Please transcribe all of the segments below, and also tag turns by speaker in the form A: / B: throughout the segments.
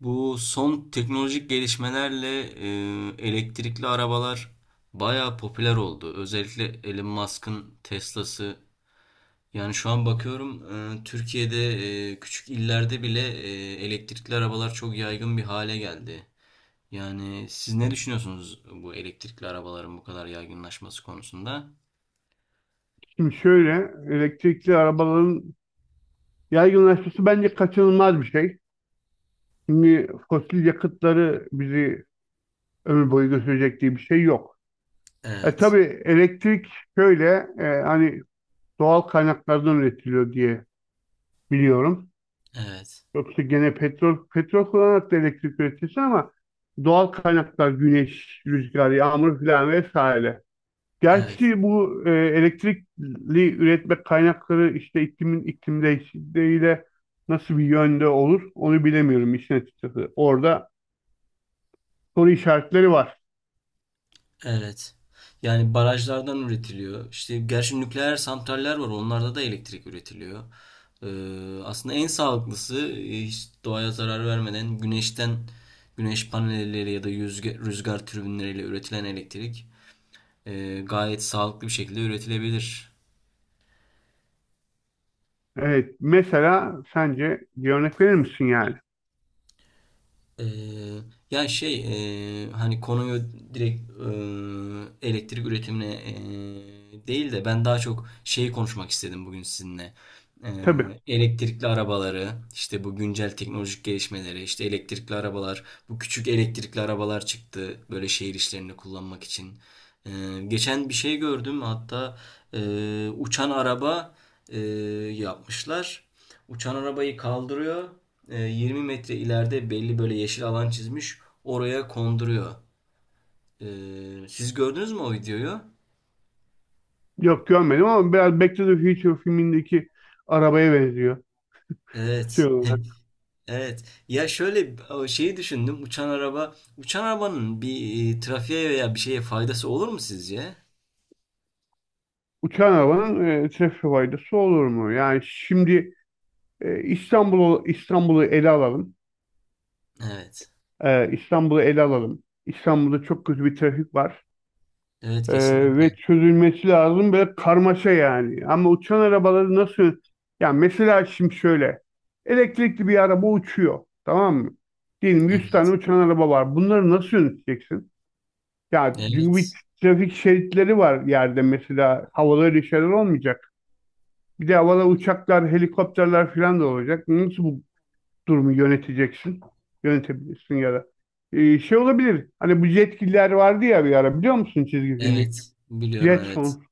A: Bu son teknolojik gelişmelerle elektrikli arabalar bayağı popüler oldu. Özellikle Elon Musk'ın Tesla'sı. Yani şu an bakıyorum Türkiye'de küçük illerde bile elektrikli arabalar çok yaygın bir hale geldi. Yani siz ne düşünüyorsunuz bu elektrikli arabaların bu kadar yaygınlaşması konusunda?
B: Şimdi şöyle elektrikli arabaların yaygınlaşması bence kaçınılmaz bir şey. Şimdi fosil yakıtları bizi ömür boyu götürecek diye bir şey yok. E
A: Evet,
B: tabii elektrik şöyle hani doğal kaynaklardan üretiliyor diye biliyorum.
A: evet,
B: Yoksa gene petrol kullanarak da elektrik üretilse ama doğal kaynaklar güneş, rüzgar, yağmur filan vesaire.
A: evet.
B: Gerçi bu elektrikli üretme kaynakları işte iklim değişikliğiyle nasıl bir yönde olur onu bilemiyorum işin açıkçası. Orada soru işaretleri var.
A: Evet. Yani barajlardan üretiliyor. İşte gerçi nükleer santraller var. Onlarda da elektrik üretiliyor. Aslında en sağlıklısı hiç doğaya zarar vermeden güneşten güneş panelleriyle ya da rüzgar türbinleriyle üretilen elektrik gayet sağlıklı bir şekilde üretilebilir.
B: Evet mesela sence bir örnek verir misin yani?
A: Ee, Ya şey, hani konuyu direkt elektrik üretimine değil de ben daha çok şeyi konuşmak istedim bugün sizinle.
B: Tabii.
A: Elektrikli arabaları işte bu güncel teknolojik gelişmeleri işte elektrikli arabalar bu küçük elektrikli arabalar çıktı böyle şehir işlerinde kullanmak için. Ee, Geçen bir şey gördüm hatta e, uçan araba e, yapmışlar. Uçan arabayı kaldırıyor 20 metre ileride belli böyle yeşil alan çizmiş. Oraya konduruyor. Siz gördünüz mü o videoyu?
B: Yok görmedim ama biraz Back to the Future filmindeki arabaya benziyor. Şey
A: Evet.
B: olarak.
A: Evet. Ya şöyle o şeyi düşündüm. Uçan arabanın bir trafiğe veya bir şeye faydası olur mu sizce?
B: Uçan arabanın trafik faydası olur mu? Yani şimdi İstanbul'u ele alalım.
A: Evet.
B: İstanbul'u ele alalım. İstanbul'da çok kötü bir trafik var.
A: Evet kesinlikle.
B: Ve çözülmesi lazım böyle karmaşa yani. Ama uçan arabaları nasıl... Ya mesela şimdi şöyle. Elektrikli bir araba uçuyor. Tamam mı? Diyelim 100 tane
A: Evet.
B: uçan araba var. Bunları nasıl yöneteceksin? Ya çünkü bir
A: Evet.
B: trafik şeritleri var yerde mesela. Havada öyle şeyler olmayacak. Bir de havada uçaklar, helikopterler falan da olacak. Nasıl bu durumu yöneteceksin. Yönetebilirsin ya da. Şey olabilir. Hani bu Jetgiller vardı ya bir ara biliyor musun çizgi filmi?
A: Evet. Biliyorum evet.
B: Jetson.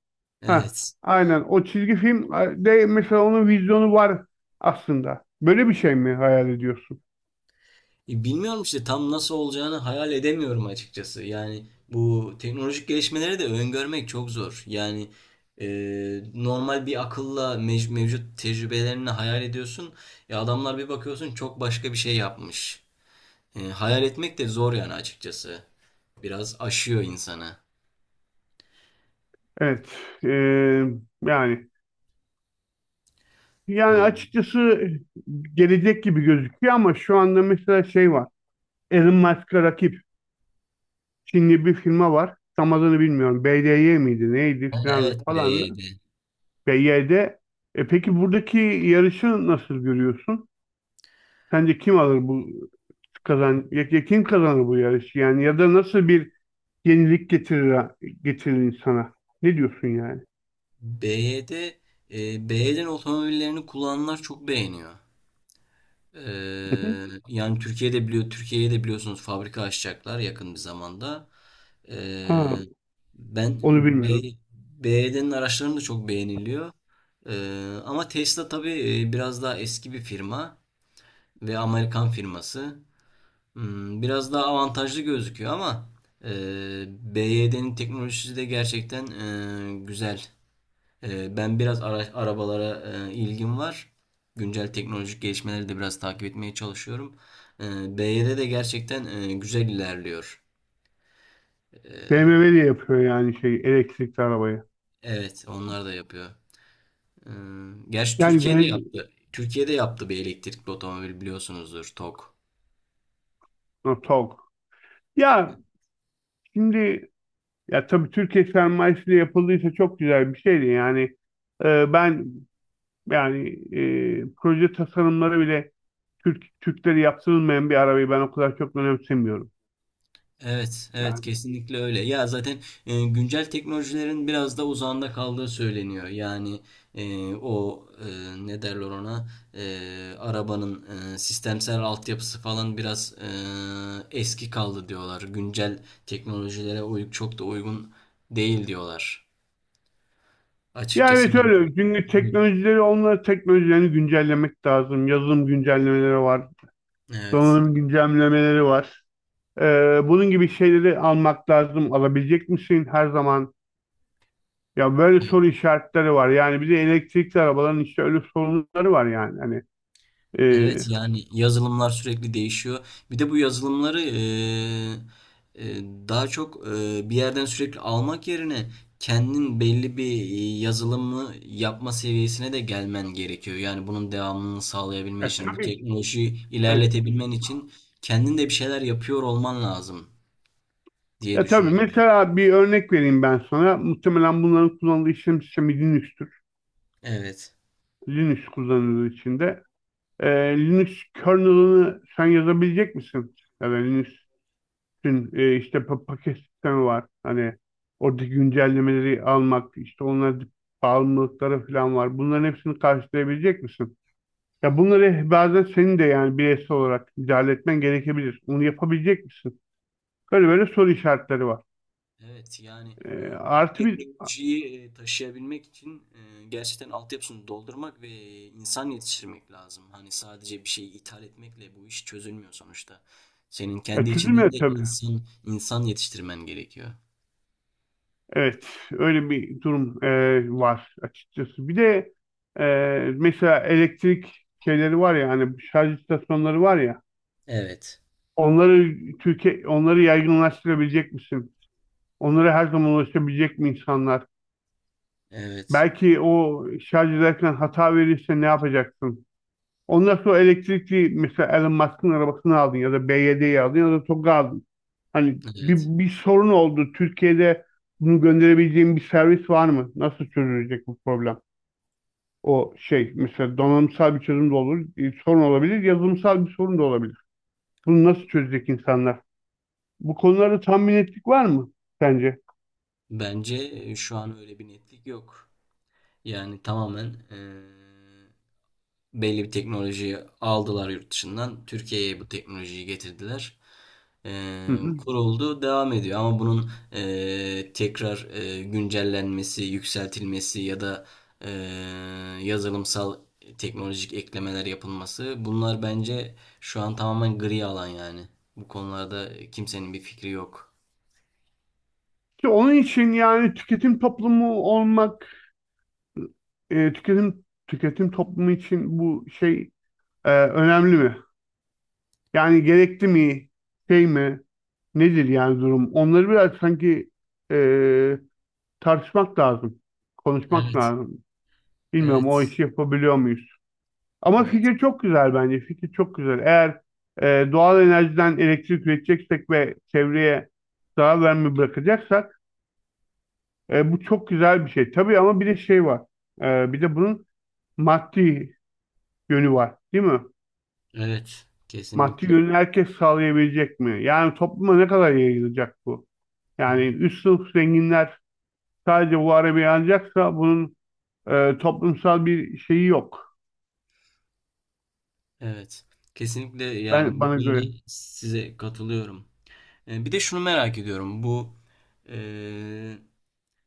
B: Ha,
A: Evet.
B: aynen. O çizgi film de mesela onun vizyonu var aslında. Böyle bir şey mi hayal ediyorsun?
A: Bilmiyorum işte tam nasıl olacağını hayal edemiyorum açıkçası. Yani bu teknolojik gelişmeleri de öngörmek çok zor. Yani e, normal bir akılla mevcut tecrübelerini hayal ediyorsun. Adamlar bir bakıyorsun çok başka bir şey yapmış. Hayal etmek de zor yani açıkçası. Biraz aşıyor insanı.
B: Evet. Ee, yani yani
A: E,
B: açıkçası gelecek gibi gözüküyor ama şu anda mesela şey var. Elon Musk'a rakip Çinli bir firma var. Tam adını bilmiyorum. BDY miydi neydi
A: evet
B: filan falan.
A: BYD.
B: BYD. E peki buradaki yarışı nasıl görüyorsun? Sence kim alır bu kazan ya, ya kim kazanır bu yarışı? Yani ya da nasıl bir yenilik getirir insana? Ne diyorsun yani?
A: BYD, BYD'nin otomobillerini kullananlar çok beğeniyor. Ee,
B: Hı hı.
A: Yani Türkiye'ye de biliyorsunuz fabrika açacaklar yakın bir zamanda.
B: Ha,
A: Ee, Ben
B: onu
A: B,
B: bilmiyordum.
A: B BYD'nin araçlarını da çok beğeniliyor. Ama Tesla tabii biraz daha eski bir firma ve Amerikan firması. Biraz daha avantajlı gözüküyor ama BYD'nin teknolojisi de gerçekten güzel. Ben biraz arabalara ilgim var. Güncel teknolojik gelişmeleri de biraz takip etmeye çalışıyorum. BYD de gerçekten güzel ilerliyor.
B: BMW de yapıyor yani şey elektrikli arabayı.
A: Evet, onlar da yapıyor. Ee, Gerçi
B: Yani
A: Türkiye'de
B: gelecek
A: yaptı. Türkiye'de yaptı bir elektrikli otomobil biliyorsunuzdur, TOG.
B: no, Togg. Ya şimdi ya tabii Türkiye sermayesiyle yapıldıysa çok güzel bir şeydi yani. E, ben yani proje tasarımları bile Türkleri yaptırılmayan bir arabayı ben o kadar çok önemsemiyorum.
A: Evet, evet
B: Yani,
A: kesinlikle öyle. Ya zaten güncel teknolojilerin biraz da uzağında kaldığı söyleniyor. Yani o ne derler ona, arabanın sistemsel altyapısı falan biraz eski kaldı diyorlar. Güncel teknolojilere çok da uygun değil diyorlar.
B: ya
A: Açıkçası
B: evet
A: ben...
B: öyle. Çünkü teknolojileri teknolojilerini güncellemek lazım. Yazılım güncellemeleri var.
A: Evet.
B: Donanım güncellemeleri var. Bunun gibi şeyleri almak lazım. Alabilecek misin her zaman? Ya böyle soru işaretleri var. Yani bir de elektrikli arabaların işte öyle sorunları var yani. Hani
A: Evet
B: e,
A: yani yazılımlar sürekli değişiyor. Bir de bu yazılımları daha çok bir yerden sürekli almak yerine kendin belli bir yazılımı yapma seviyesine de gelmen gerekiyor. Yani bunun devamını sağlayabilmen için, bu
B: tabii ki.
A: teknolojiyi
B: Evet.
A: ilerletebilmen için kendin de bir şeyler yapıyor olman lazım diye
B: Ya tabii
A: düşünüyorum.
B: mesela bir örnek vereyim ben sana. Muhtemelen bunların kullanıldığı işlem sistemi Linux'tür.
A: Evet.
B: Linux kullanıldığı içinde. Linux kernel'ını sen yazabilecek misin? Ya da Linux'ün işte paket sistemi var. Hani oradaki güncellemeleri almak, işte onlara bağımlılıkları falan var. Bunların hepsini karşılayabilecek misin? Ya bunları bazen senin de yani bireysel olarak müdahale etmen gerekebilir. Onu yapabilecek misin? Böyle soru işaretleri var.
A: Evet yani e, bu
B: Artı bir
A: teknolojiyi taşıyabilmek için gerçekten altyapısını doldurmak ve insan yetiştirmek lazım. Hani sadece bir şeyi ithal etmekle bu iş çözülmüyor sonuçta. Senin
B: ya
A: kendi içinden
B: çözülmüyor
A: de
B: tabii.
A: insan insan yetiştirmen gerekiyor.
B: Evet, öyle bir durum var açıkçası. Bir de mesela elektrik şeyleri var ya hani şarj istasyonları var ya
A: Evet,
B: Türkiye onları yaygınlaştırabilecek misin? Onlara her zaman ulaşabilecek mi insanlar?
A: evet,
B: Belki o şarj ederken hata verirse ne yapacaksın? Ondan sonra elektrikli mesela Elon Musk'ın arabasını aldın ya da BYD'yi aldın ya da Togg'u aldın. Hani
A: evet.
B: bir sorun oldu. Türkiye'de bunu gönderebileceğim bir servis var mı? Nasıl çözülecek bu problem? O şey mesela donanımsal bir çözüm de olur, sorun olabilir, yazılımsal bir sorun da olabilir. Bunu nasıl çözecek insanlar? Bu konularda tam bir var mı sence?
A: Bence şu an öyle bir netlik yok. Yani tamamen belli bir teknolojiyi aldılar yurt dışından. Türkiye'ye bu teknolojiyi getirdiler.
B: Hı hı.
A: Kuruldu, devam ediyor. Ama bunun tekrar güncellenmesi, yükseltilmesi ya da e, yazılımsal teknolojik eklemeler yapılması bunlar bence şu an tamamen gri alan yani. Bu konularda kimsenin bir fikri yok.
B: İşte onun için yani tüketim toplumu olmak, tüketim toplumu için bu şey önemli mi? Yani gerekli mi? Şey mi? Nedir yani durum? Onları biraz sanki e, tartışmak lazım, konuşmak
A: Evet,
B: lazım. Bilmiyorum o
A: evet,
B: işi yapabiliyor muyuz? Ama
A: evet,
B: fikir çok güzel bence. Fikir çok güzel. Eğer doğal enerjiden elektrik üreteceksek ve çevreye zarar verme bırakacaksak bu çok güzel bir şey. Tabii ama bir de şey var. E, bir de bunun maddi yönü var, değil mi?
A: evet,
B: Maddi
A: kesinlikle.
B: yönü herkes sağlayabilecek mi? Yani topluma ne kadar yayılacak bu? Yani
A: Evet.
B: üst sınıf zenginler sadece bu arabayı alacaksa bunun toplumsal bir şeyi yok.
A: Evet. Kesinlikle yani
B: Ben
A: bu
B: bana
A: konuda
B: göre.
A: size katılıyorum. Bir de şunu merak ediyorum. Bu e,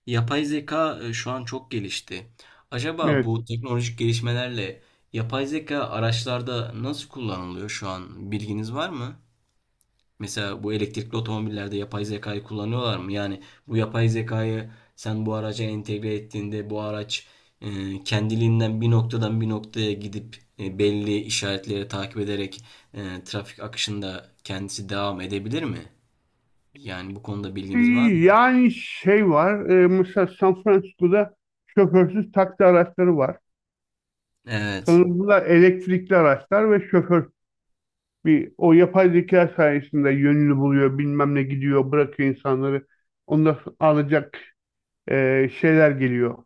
A: yapay zeka şu an çok gelişti. Acaba
B: Evet.
A: bu teknolojik gelişmelerle yapay zeka araçlarda nasıl kullanılıyor şu an? Bilginiz var mı? Mesela bu elektrikli otomobillerde yapay zekayı kullanıyorlar mı? Yani bu yapay zekayı sen bu araca entegre ettiğinde bu araç kendiliğinden bir noktadan bir noktaya gidip belli işaretleri takip ederek trafik akışında kendisi devam edebilir mi? Yani bu konuda bilginiz var mı?
B: Yani şey var, mesela San Francisco'da şoförsüz taksi araçları var.
A: Evet.
B: Sanırım bunlar elektrikli araçlar ve şoför bir o yapay zeka sayesinde yönünü buluyor, bilmem ne gidiyor, bırakıyor insanları. Ondan sonra alacak şeyler geliyor.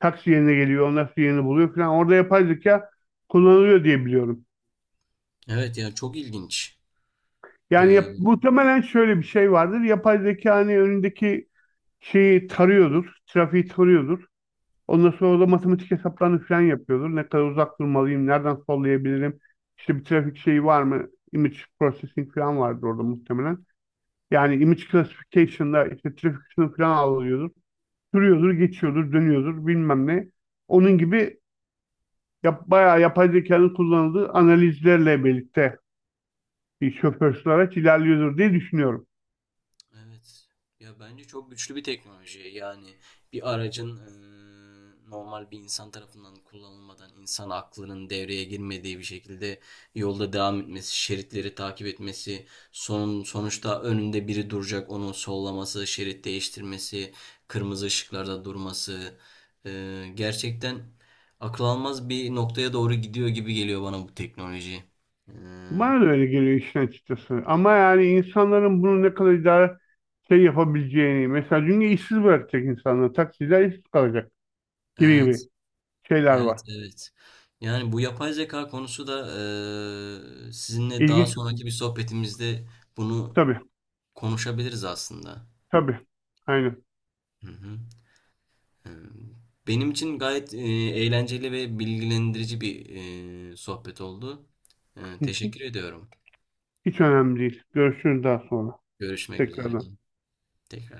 B: Taksi yerine geliyor, ondan sonra yerini buluyor falan. Orada yapay zeka kullanılıyor diye biliyorum.
A: Evet yani çok ilginç.
B: Yani muhtemelen şöyle bir şey vardır. Yapay zeka hani önündeki şeyi tarıyordur, trafiği tarıyordur. Ondan sonra da matematik hesaplarını falan yapıyordur. Ne kadar uzak durmalıyım, nereden sollayabilirim, işte bir trafik şeyi var mı, image processing falan vardır orada muhtemelen. Yani image classification'da işte trafik ışını falan alıyordur. Sürüyordur, geçiyordur, dönüyordur bilmem ne. Onun gibi bayağı yapay zekanın kullanıldığı analizlerle birlikte bir şoförsüz araç ilerliyordur diye düşünüyorum.
A: Evet. Ya bence çok güçlü bir teknoloji. Yani bir aracın normal bir insan tarafından kullanılmadan insan aklının devreye girmediği bir şekilde yolda devam etmesi, şeritleri takip etmesi, sonuçta önünde biri duracak onu sollaması, şerit değiştirmesi, kırmızı ışıklarda durması gerçekten akıl almaz bir noktaya doğru gidiyor gibi geliyor bana bu teknoloji. Eee,
B: Bana da öyle geliyor işin açıkçası. Ama yani insanların bunu ne kadar idare şey yapabileceğini, mesela çünkü işsiz bırakacak insanları, taksiciler işsiz kalacak gibi
A: evet.
B: gibi şeyler
A: Evet,
B: var.
A: evet. Yani bu yapay zeka konusu da sizinle daha
B: İlginç bir konu.
A: sonraki bir sohbetimizde bunu
B: Tabii,
A: konuşabiliriz aslında.
B: tabii. Aynen.
A: Hı hı. Eee, Benim için gayet eğlenceli ve bilgilendirici bir sohbet oldu. Teşekkür ediyorum.
B: Hiç önemli değil. Görüşürüz daha sonra.
A: Görüşmek üzere.
B: Tekrardan.
A: Tekrar.